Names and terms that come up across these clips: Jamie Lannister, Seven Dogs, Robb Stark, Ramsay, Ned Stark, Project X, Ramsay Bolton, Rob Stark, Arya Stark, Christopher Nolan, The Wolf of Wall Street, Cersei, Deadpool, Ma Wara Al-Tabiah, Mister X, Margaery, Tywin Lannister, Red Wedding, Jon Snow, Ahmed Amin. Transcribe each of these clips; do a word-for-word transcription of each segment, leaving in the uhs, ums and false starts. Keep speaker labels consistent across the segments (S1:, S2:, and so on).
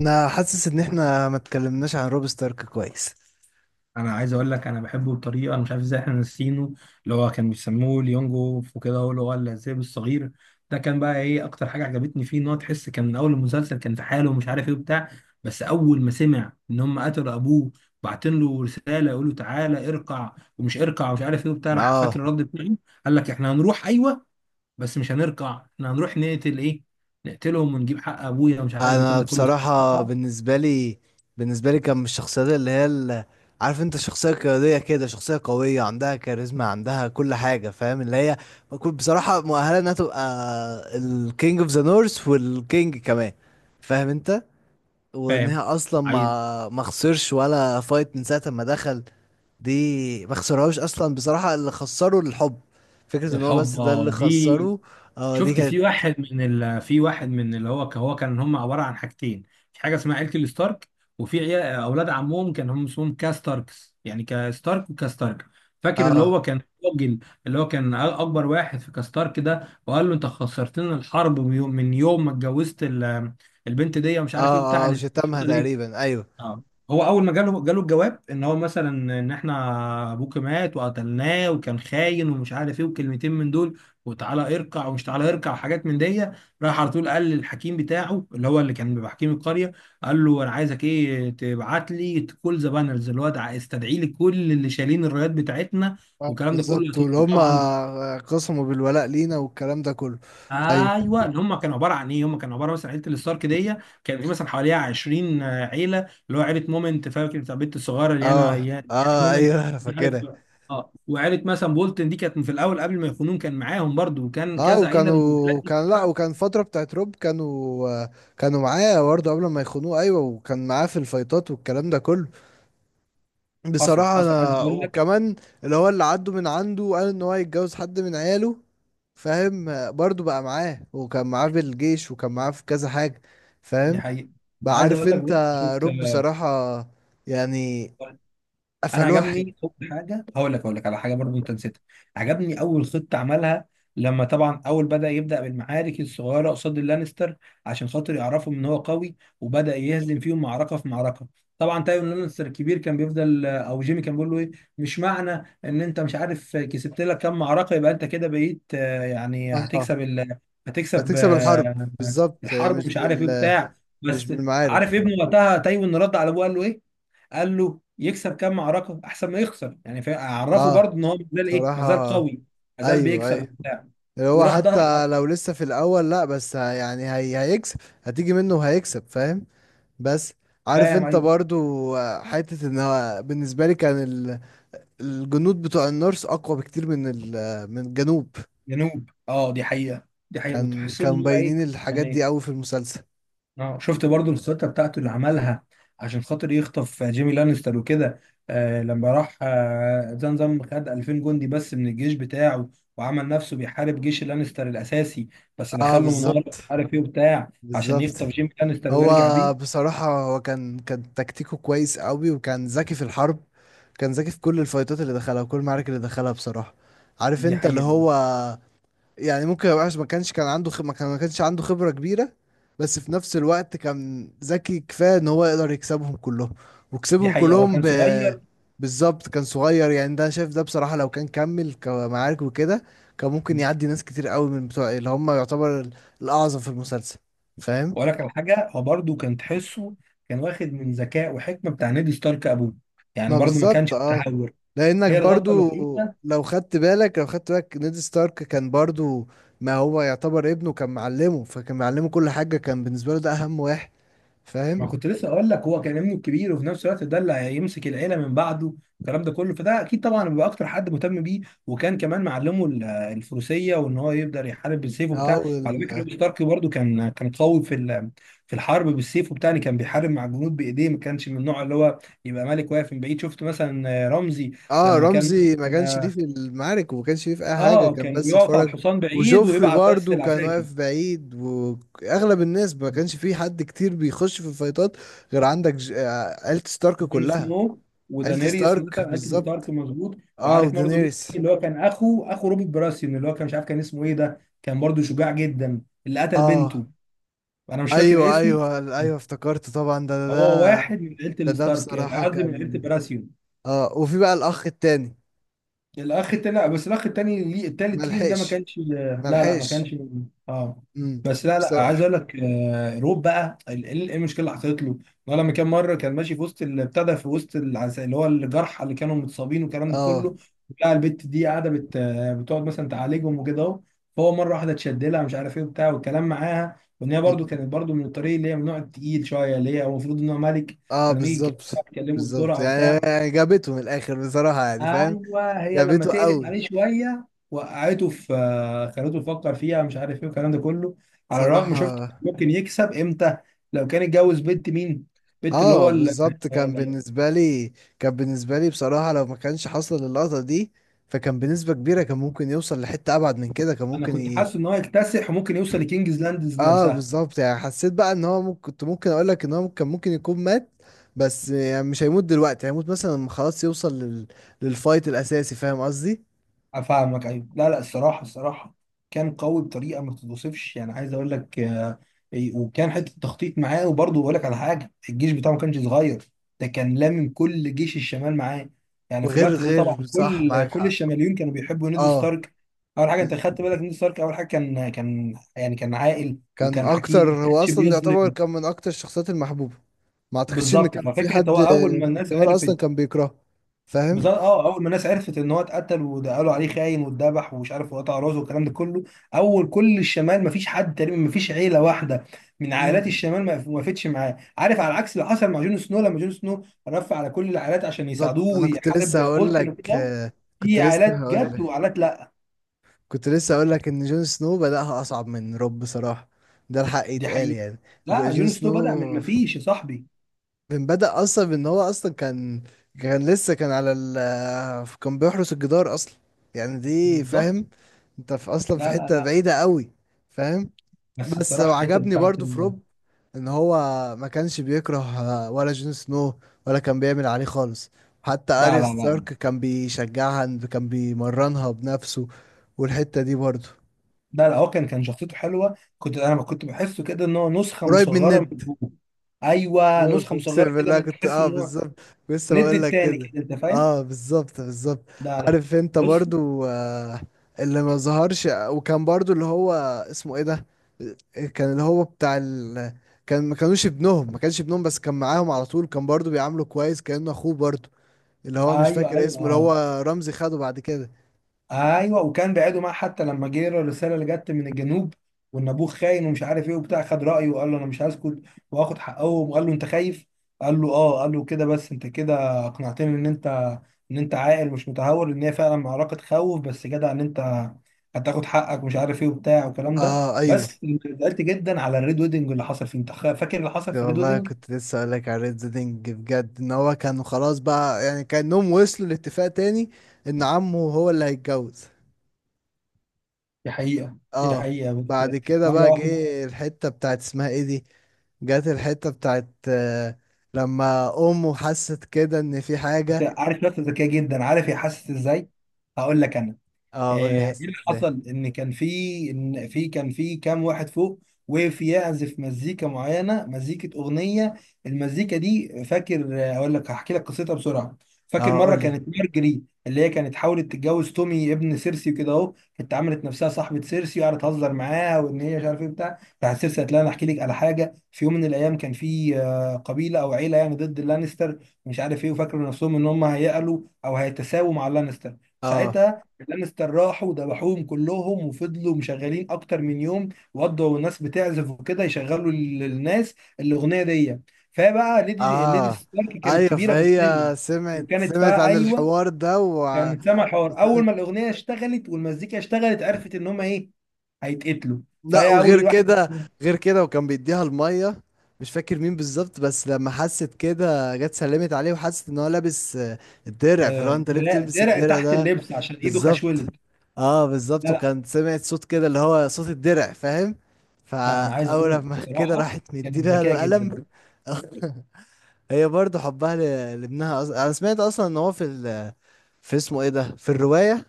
S1: انا حاسس ان احنا ما اتكلمناش عن روب ستارك كويس.
S2: انا عايز اقول لك انا بحبه بطريقه، انا مش عارف ازاي احنا نسينه. اللي هو كان بيسموه ليونجوف وكده، هو اللي هو الذئب الصغير. ده كان بقى ايه اكتر حاجه عجبتني فيه، ان هو تحس كان من اول المسلسل كان في حاله ومش عارف ايه وبتاع. بس اول ما سمع ان هم قتلوا ابوه، بعتين له رساله يقول له تعالى ارقع، ومش ارقع ومش عارف ايه وبتاع، راح
S1: اه.
S2: فاكر الرد بتاعه. قال لك احنا هنروح، ايوه، بس مش هنرقع، احنا هنروح نقتل ايه، نقتلهم ونجيب حق ابويا، ومش عارف الكلام
S1: انا
S2: ده كله.
S1: بصراحة، بالنسبة لي بالنسبة لي كان من الشخصيات اللي هي ال- عارف انت، شخصية قيادية كده، شخصية قوية عندها كاريزما، عندها كل حاجة، فاهم اللي هي. كنت بصراحة مؤهلة انها تبقى الكينج اوف ذا نورث والكينج كمان، فاهم انت. وان هي
S2: فاهم؟
S1: اصلا
S2: عايز
S1: ما ما خسرش ولا فايت من ساعة ما دخل. دي ما خسرهاش اصلا، بصراحة اللي خسره الحب، فكرة ان هو
S2: الحب،
S1: بس ده اللي
S2: آه، دي.
S1: خسره. اه، دي
S2: شفت
S1: كانت.
S2: في واحد من ال... في واحد من اللي هو، هو كان هم عباره عن حاجتين. في حاجه اسمها عيله الستارك، وفي عيال... اولاد عمهم كان هم اسمهم كاستاركس، يعني كستارك وكاستارك. فاكر اللي
S1: اه،
S2: هو كان الراجل اللي هو كان أ- اكبر واحد في كاستارك ده، وقال له انت خسرتنا الحرب من يوم من يوم ما اتجوزت ال... البنت دي ومش عارف ايه بتاع.
S1: اه، اه، شتمها تقريبا، ايوه.
S2: اه، هو اول ما جاله جاله الجواب ان هو مثلا ان احنا ابوك مات وقتلناه وكان خاين ومش عارف ايه، وكلمتين من دول، وتعالى اركع، ومش تعالى اركع وحاجات من دي. راح على طول قال للحكيم بتاعه، اللي هو اللي كان بيبقى حكيم القريه، قال له انا عايزك ايه، تبعت لي كل ذا بانرز، اللي هو استدعي لي كل اللي شايلين الرايات بتاعتنا
S1: آه،
S2: والكلام ده كله يا
S1: بالظبط. واللي
S2: توفي
S1: هم
S2: طبعا.
S1: آه، قسموا بالولاء لينا والكلام ده كله. ايوه.
S2: ايوه، اللي هم كانوا عباره عن ايه، هم كانوا عباره مثلا عيله الستارك دي كان في مثلا حواليها عشرين عيله، اللي هو عيله مومنت، فاكر بتاع البنت الصغيره اللي انا
S1: اه،
S2: يا
S1: اه،
S2: مومنت،
S1: ايوه انا
S2: مش عارف.
S1: فاكرها.
S2: اه، وعيله مثلا بولتن دي كانت في الاول قبل ما يخونون كان معاهم برضو، وكان
S1: اه،
S2: كذا عيله من العيلات
S1: وكانوا
S2: دي
S1: كان لا،
S2: كلها.
S1: وكان فترة بتاعت روب كانوا آه، كانوا معاه برضه قبل ما يخونوه. ايوه، وكان معاه في الفايتات والكلام ده كله.
S2: حصل
S1: بصراحة
S2: حصل عايز
S1: أنا
S2: اقول لك.
S1: وكمان، اللي هو اللي عدوا من عنده قال إن هو هيتجوز حد من عياله، فاهم. برضو بقى معاه، وكان معاه في الجيش، وكان معاه في كذا حاجة،
S2: دي
S1: فاهم.
S2: حقيقه. ده
S1: بقى
S2: عايز
S1: عارف
S2: اقول لك،
S1: أنت،
S2: بص، شفت،
S1: روب بصراحة يعني
S2: انا
S1: قفلوها حلو.
S2: عجبني اول حاجه، هقول لك هقول لك على حاجه برضو انت نسيتها. عجبني اول خطه عملها، لما طبعا اول بدا يبدا بالمعارك الصغيره قصاد اللانستر عشان خاطر يعرفوا ان هو قوي، وبدا يهزم فيهم معركه في معركه. طبعا تايون لانستر الكبير كان بيفضل او جيمي كان بيقول له ايه، مش معنى ان انت مش عارف كسبت لك كام معركه يبقى انت كده بقيت، آه، يعني
S1: اه.
S2: هتكسب ال...
S1: لا،
S2: هتكسب،
S1: تكسب الحرب
S2: آه،
S1: بالظبط، هي
S2: الحرب
S1: مش
S2: ومش عارف ايه
S1: بال
S2: بتاع.
S1: مش
S2: بس عارف
S1: بالمعارك.
S2: ابنه وقتها تايون رد على ابوه قال له ايه، قال له يكسب كام معركه احسن ما يخسر. يعني فا- عرفه
S1: اه،
S2: برضه ان هو مازال ايه، مازال
S1: صراحة.
S2: قوي، مازال
S1: أيوه،
S2: بيكسب
S1: أيوه،
S2: وبتاع.
S1: اللي هو
S2: وراح ده
S1: حتى
S2: حق.
S1: لو لسه في الأول، لأ بس ه- يعني هي هيكسب، هتيجي منه وهيكسب، فاهم. بس عارف
S2: فاهم؟
S1: انت
S2: ايوه.
S1: برضو آه، حتة ان هو بالنسبة لي كان ال- الجنود بتوع النورس اقوى بكتير من ال- من الجنوب.
S2: جنوب، اه، دي حقيقه. دي حقيقه، كنت
S1: كان
S2: بحس ان
S1: كانوا
S2: هم ايه،
S1: مبينين الحاجات دي
S2: يعني.
S1: قوي في المسلسل.
S2: اه، شفت برضه الخطه بتاعته اللي عملها عشان خاطر يخطف جيمي لانستر وكده. آه، لما راح آه زنزم، خد الفين جندي بس من الجيش بتاعه، وعمل نفسه بيحارب جيش لانستر الاساسي، بس
S1: اه
S2: دخله من ورا
S1: بالظبط
S2: مش عارف ايه وبتاع عشان
S1: بالظبط.
S2: يخطف جيمي لانستر
S1: هو
S2: ويرجع بيه.
S1: بصراحة هو كان كان تكتيكه كويس قوي، وكان ذكي في الحرب. كان ذكي في كل الفايتات اللي دخلها وكل المعارك اللي دخلها، بصراحة. عارف
S2: دي
S1: انت اللي
S2: حقيقه.
S1: هو يعني، ممكن يبقى ما كانش كان عنده خ... ما كان ما كانش عنده خبرة كبيرة، بس في نفس الوقت كان ذكي كفاية ان هو يقدر يكسبهم كلهم.
S2: دي
S1: وكسبهم
S2: حقيقة هو
S1: كلهم
S2: كان
S1: ب...
S2: صغير،
S1: بالظبط، كان صغير. يعني ده، شايف ده بصراحة لو كان كمل كمعارك وكده، كان ممكن يعدي ناس كتير قوي من بتوع اللي هم يعتبر ال- الأعظم في المسلسل، فاهم.
S2: ولا كان حاجة. هو برضه كان تحسه كان واخد من ذكاء وحكمة بتاع نيد ستارك أبوه، يعني
S1: ما
S2: برضه ما
S1: بالظبط،
S2: كانش
S1: اه.
S2: متهور.
S1: لانك
S2: هي الغلطة
S1: برضو
S2: الوحيدة.
S1: لو خدت بالك لو خدت بالك نيد ستارك كان برضو، ما هو يعتبر ابنه كان معلمه، فكان معلمه كل حاجة، كان بالنسبة له ده اهم واحد،
S2: ما
S1: فاهم.
S2: كنت لسه اقول لك، هو كان ابنه الكبير، وفي نفس الوقت ده اللي هيمسك العيله من بعده، الكلام ده كله، فده اكيد طبعا بيبقى اكتر حد مهتم بيه. وكان كمان معلمه ال- الفروسيه، وان هو يقدر يحارب بالسيف
S1: اه
S2: وبتاع. على
S1: وال...
S2: فكره روب ستارك برضو كان كان قوي في ال- في الحرب بالسيف وبتاع، يعني كان بيحارب مع الجنود بايديه. ما كانش من النوع اللي هو يبقى ملك واقف من بعيد. شفت مثلا رمزي
S1: اه،
S2: لما كان
S1: رمزي ما كانش ليه
S2: مثلا،
S1: في المعارك، وما كانش ليه في اي حاجه،
S2: اه،
S1: كان
S2: كان
S1: بس
S2: بيقف على
S1: اتفرج.
S2: الحصان بعيد
S1: وجوفري
S2: ويبعت بس
S1: برضو كان
S2: العساكر.
S1: واقف بعيد، واغلب الناس ما كانش في حد كتير بيخش في الفايتات غير عندك ج... آه، عيلة ستارك
S2: جون
S1: كلها.
S2: سنو
S1: عيلة
S2: ودانيريس
S1: ستارك
S2: مثلا، انتي ستارك،
S1: بالظبط.
S2: مظبوط.
S1: اه،
S2: وعارف برضه مين تاني
S1: ودينيريس.
S2: اللي هو كان اخو اخو روبرت براسيون، اللي هو كان مش عارف كان اسمه ايه، ده كان برضه شجاع جدا، اللي قتل
S1: اه،
S2: بنته. انا مش فاكر إيه
S1: ايوه،
S2: اسمه.
S1: ايوه، ايوه افتكرت، طبعا ده ده
S2: هو
S1: ده
S2: واحد من عيله
S1: ده, ده
S2: الستارك، آه،
S1: بصراحه
S2: قصدي من عيله
S1: كان.
S2: براسيون.
S1: اه، وفي بقى الاخ التاني.
S2: الاخ التاني، لا، بس الاخ التاني ليه، التالت ليهم ده ما
S1: ملحقش
S2: كانش، لا لا ما
S1: ملحقش.
S2: كانش. اه.
S1: امم
S2: بس لا لا، عايز
S1: بصراحه.
S2: اقول لك، آه، روب بقى ال- ال- ايه المشكله اللي حصلت له، إن هو لما كان مره كان ماشي في وسط ال- ابتدى في وسط العس- اللي هو الجرحى اللي كانوا متصابين والكلام ده
S1: اه.
S2: كله بتاع. البت دي قاعده، بت... بتقعد مثلا تعالجهم وكده اهو. فهو مره واحده اتشد لها مش عارف ايه وبتاع، والكلام معاها، وان هي برده
S1: امم.
S2: كانت برده من الطريق، اللي هي من النوع التقيل شويه، اللي هي هو المفروض ان هو ملك،
S1: اه
S2: فلما يجي
S1: بالظبط
S2: يكلمها تكلمه
S1: بالظبط،
S2: بسرعه
S1: يعني
S2: وبتاع.
S1: يعني جابته من الاخر بصراحه، يعني فاهم.
S2: ايوه، هي لما
S1: جابته
S2: تقلت
S1: قوي
S2: عليه شويه، وقعته في، خلته يفكر فيها مش عارف ايه والكلام ده كله. على
S1: بصراحه.
S2: الرغم، شفت، ممكن يكسب امتى، لو كان اتجوز بنت مين، بنت اللي هو
S1: اه
S2: ال...
S1: بالظبط، كان
S2: ال-
S1: بالنسبه لي كان بالنسبه لي بصراحه لو ما كانش حصل اللقطه دي، فكان بنسبه كبيره كان ممكن يوصل لحته ابعد من كده، كان
S2: انا
S1: ممكن
S2: كنت
S1: ي...
S2: حاسس ان هو يكتسح، وممكن يوصل لكينجز لاندز
S1: اه
S2: نفسها.
S1: بالظبط. يعني حسيت بقى ان هو ممكن، كنت ممكن اقول لك ان هو كان ممكن يكون مات، بس يعني مش هيموت دلوقتي، هيموت مثلا لما خلاص يوصل لل... للفايت الاساسي، فاهم قصدي.
S2: افهمك، ايوه. لا لا، الصراحه، الصراحه كان قوي بطريقه ما تتوصفش، يعني عايز اقول لك، آه، إيه، وكان حته تخطيط معاه. وبرضه بقول لك على حاجه، الجيش بتاعه ما كانش صغير، ده كان لامم كل جيش الشمال معاه. يعني في
S1: وغير
S2: الوقت ده طبعا
S1: غير صح،
S2: كل
S1: معاك
S2: كل
S1: حق.
S2: الشماليون كانوا بيحبوا نيد
S1: اه
S2: ستارك. اول حاجه انت خدت بالك، نيد ستارك اول حاجه كان كان يعني كان عاقل
S1: كان
S2: وكان حكيم
S1: اكتر،
S2: وما
S1: هو
S2: كانش
S1: اصلا ده يعتبر
S2: بيظلم.
S1: كان من اكتر الشخصيات المحبوبه. ما اعتقدش ان
S2: بالظبط.
S1: كان في
S2: ففكره
S1: حد
S2: هو اول ما
S1: في
S2: الناس
S1: الشمال اصلا
S2: عرفت،
S1: كان بيكرهه، فاهم.
S2: بالظبط، اه اول ما الناس عرفت ان هو اتقتل، وده قالوا عليه خاين واتذبح ومش عارف، وقطع راسه والكلام ده كله، اول كل الشمال ما فيش حد تقريبا، ما فيش عيله واحده من عائلات
S1: مم،
S2: الشمال ما ما وقفتش معاه. عارف، على العكس اللي حصل مع جون سنو، لما جون سنو رفع على كل العائلات عشان
S1: بالظبط.
S2: يساعدوه
S1: انا كنت
S2: ويحارب
S1: لسه هقول
S2: بولتن
S1: لك
S2: وكده،
S1: آه، كنت
S2: في
S1: لسه
S2: عائلات
S1: هقول
S2: جت
S1: لك
S2: وعائلات لا.
S1: كنت لسه هقول لك ان جون سنو بدأها اصعب من روب، بصراحه ده الحق
S2: دي
S1: يتقال
S2: حقيقه.
S1: يعني. رو-
S2: لا،
S1: جون
S2: جون سنو بدأ من
S1: سنو
S2: ما فيش يا صاحبي.
S1: من بدأ اصلا بان هو اصلا كان كان لسه، كان على ال آه، كان بيحرس الجدار اصلا، يعني دي
S2: بالظبط.
S1: فاهم انت، في اصلا في
S2: لا لا
S1: حته
S2: لا،
S1: بعيده قوي، فاهم.
S2: بس
S1: بس
S2: الصراحه الحته
S1: عجبني
S2: بتاعت
S1: برضو في
S2: ال...
S1: روب ان هو ما كانش بيكره ولا جون سنو، ولا كان بيعمل عليه خالص. حتى
S2: لا
S1: اريا
S2: لا
S1: ستارك
S2: لا،
S1: كان بيشجعها، كان بيمرنها بنفسه، والحتة دي برضو
S2: لا لا هو كان كان شخصيته حلوه. كنت، انا كنت بحسه كده ان هو نسخه
S1: قريب من
S2: مصغره من
S1: ند.
S2: ابوه. ايوه، نسخه مصغره
S1: اقسم
S2: كده،
S1: بالله،
S2: من
S1: كنت
S2: تحس
S1: اه
S2: ان هو
S1: بالظبط، لسه
S2: ند
S1: بقول لك
S2: التاني
S1: كده.
S2: كده، انت فاهم؟
S1: اه بالظبط بالظبط.
S2: لا لا.
S1: عارف انت
S2: بص،
S1: برضو آه اللي ما ظهرش وكان برضو اللي هو اسمه ايه ده، كان اللي هو بتاع ال... كان ما كانوش ابنهم، ما كانش ابنهم بس كان معاهم على طول، كان برضو بيعامله كويس كأنه اخوه برضو، اللي هو مش
S2: ايوه
S1: فاكر
S2: ايوه،
S1: اسمه، اللي
S2: اه،
S1: هو رمزي خده بعد كده.
S2: ايوه. وكان بعيده معاه، حتى لما جه له الرساله اللي جت من الجنوب، وان ابوه خاين ومش عارف ايه وبتاع، خد رايه وقال له انا مش هسكت، واخد حقهم، وقال له انت خايف. قال له اه، قال له كده، بس انت كده اقنعتني ان انت ان انت عاقل مش متهور، ان هي فعلا معركه خوف، بس جدع ان انت هتاخد حقك ومش عارف ايه وبتاع والكلام ده.
S1: اه، ايوه.
S2: بس زعلت جدا على الريد ويدنج اللي حصل فيه. انت خ- فاكر اللي حصل في الريد
S1: والله
S2: ويدنج؟
S1: كنت لسه اقول لك على ريد زيدنج، بجد ان هو كانوا خلاص بقى يعني كانهم وصلوا لاتفاق تاني، ان عمه هو اللي هيتجوز.
S2: دي حقيقه، دي
S1: اه.
S2: حقيقه،
S1: بعد
S2: بس.
S1: كده
S2: مره
S1: بقى
S2: واحده.
S1: جه الحتة بتاعت اسمها ايه دي، جت الحتة بتاعت آه لما امه حست كده ان في حاجة.
S2: عارف نفسه ذكيه جدا، عارف هي حاسس ازاي، هقول لك انا.
S1: اه قول لي،
S2: آه، ايه
S1: حست
S2: اللي
S1: ازاي.
S2: حصل، ان كان في، ان في كان في كام واحد فوق وقف يعزف مزيكا معينه، مزيكه، اغنيه. المزيكا دي، فاكر، آه، اقول لك، هحكي لك قصتها بسرعه. فاكر
S1: اه
S2: مره
S1: قول لي.
S2: كانت مارجري اللي هي كانت حاولت تتجوز تومي ابن سيرسي وكده اهو، كانت عملت نفسها صاحبه سيرسي، وقعدت تهزر معاها، وان هي مش عارف ايه بتاع بتاع، سيرسي قالت لها انا احكي لك على حاجه. في يوم من الايام كان في، آه، قبيله او عيله، يعني ضد اللانستر مش عارف ايه، وفاكروا نفسهم ان هم هيقلوا او هيتساووا مع اللانستر.
S1: اه،
S2: ساعتها اللانستر راحوا وذبحوهم كلهم، وفضلوا مشغلين اكتر من يوم، وقضوا، والناس بتعزف وكده يشغلوا ال- الناس الاغنيه دي. فبقى ليدي ليدي
S1: اه،
S2: ستارك كانت
S1: ايوه،
S2: كبيره في
S1: فهي
S2: السن،
S1: سمعت،
S2: وكانت
S1: سمعت
S2: فا،
S1: عن
S2: ايوه،
S1: الحوار ده وسمعت.
S2: كانت سامع حوار، اول ما الاغنيه اشتغلت والمزيكا اشتغلت عرفت ان هم ايه، هيتقتلوا.
S1: لا،
S2: فهي اول
S1: وغير
S2: الواحد،
S1: كده غير كده وكان بيديها الميه. مش فاكر مين بالظبط، بس لما حست كده جت سلمت عليه وحست ان هو لابس آه، الدرع. فلو
S2: آه،
S1: انت ليه
S2: درع
S1: بتلبس
S2: درع
S1: الدرع
S2: تحت
S1: ده؟
S2: اللبس، عشان ايده
S1: بالظبط.
S2: خشولت.
S1: اه بالظبط،
S2: لا لا،
S1: وكان سمعت صوت كده اللي هو صوت الدرع، فاهم.
S2: ده انا عايز اقول
S1: فاول
S2: لك
S1: لما كده،
S2: بصراحه،
S1: راحت
S2: كانت
S1: مديلها
S2: ذكيه
S1: له
S2: جدا.
S1: قلم. هي برضو حبها ل- لابنها. أص... انا سمعت اصلا ان هو في ال... في اسمه ايه ده، في الرواية.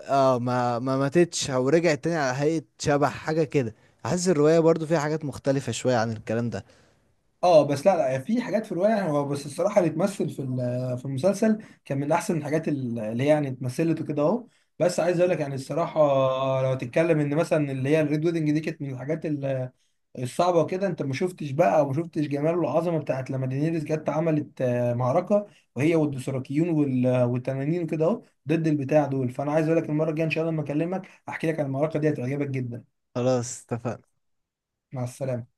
S1: اه ما ما ماتتش او رجعت تاني على هيئة شبح حاجة كده. حاسس الرواية برضو فيها حاجات مختلفة شوية عن الكلام ده.
S2: اه بس لا لا، في حاجات في الروايه، هو بس الصراحه اللي اتمثل في ال- في المسلسل كان من احسن الحاجات ال- اللي هي يعني اتمثلت وكده اهو. بس عايز اقول لك يعني الصراحه، لو تتكلم ان مثلا اللي هي الريد ويدنج دي كانت من الحاجات ال- الصعبه وكده، انت ما شفتش بقى، وما شفتش جمال والعظمه بتاعت لما دينيريس جت عملت، آه، معركه، وهي والدوثراكيون وال- والتنانين وكده اهو، ضد البتاع دول. فانا عايز اقول لك المره الجايه ان شاء الله لما اكلمك احكي لك عن المعركه دي، هتعجبك جدا.
S1: خلاص اتفقنا.
S2: مع السلامه.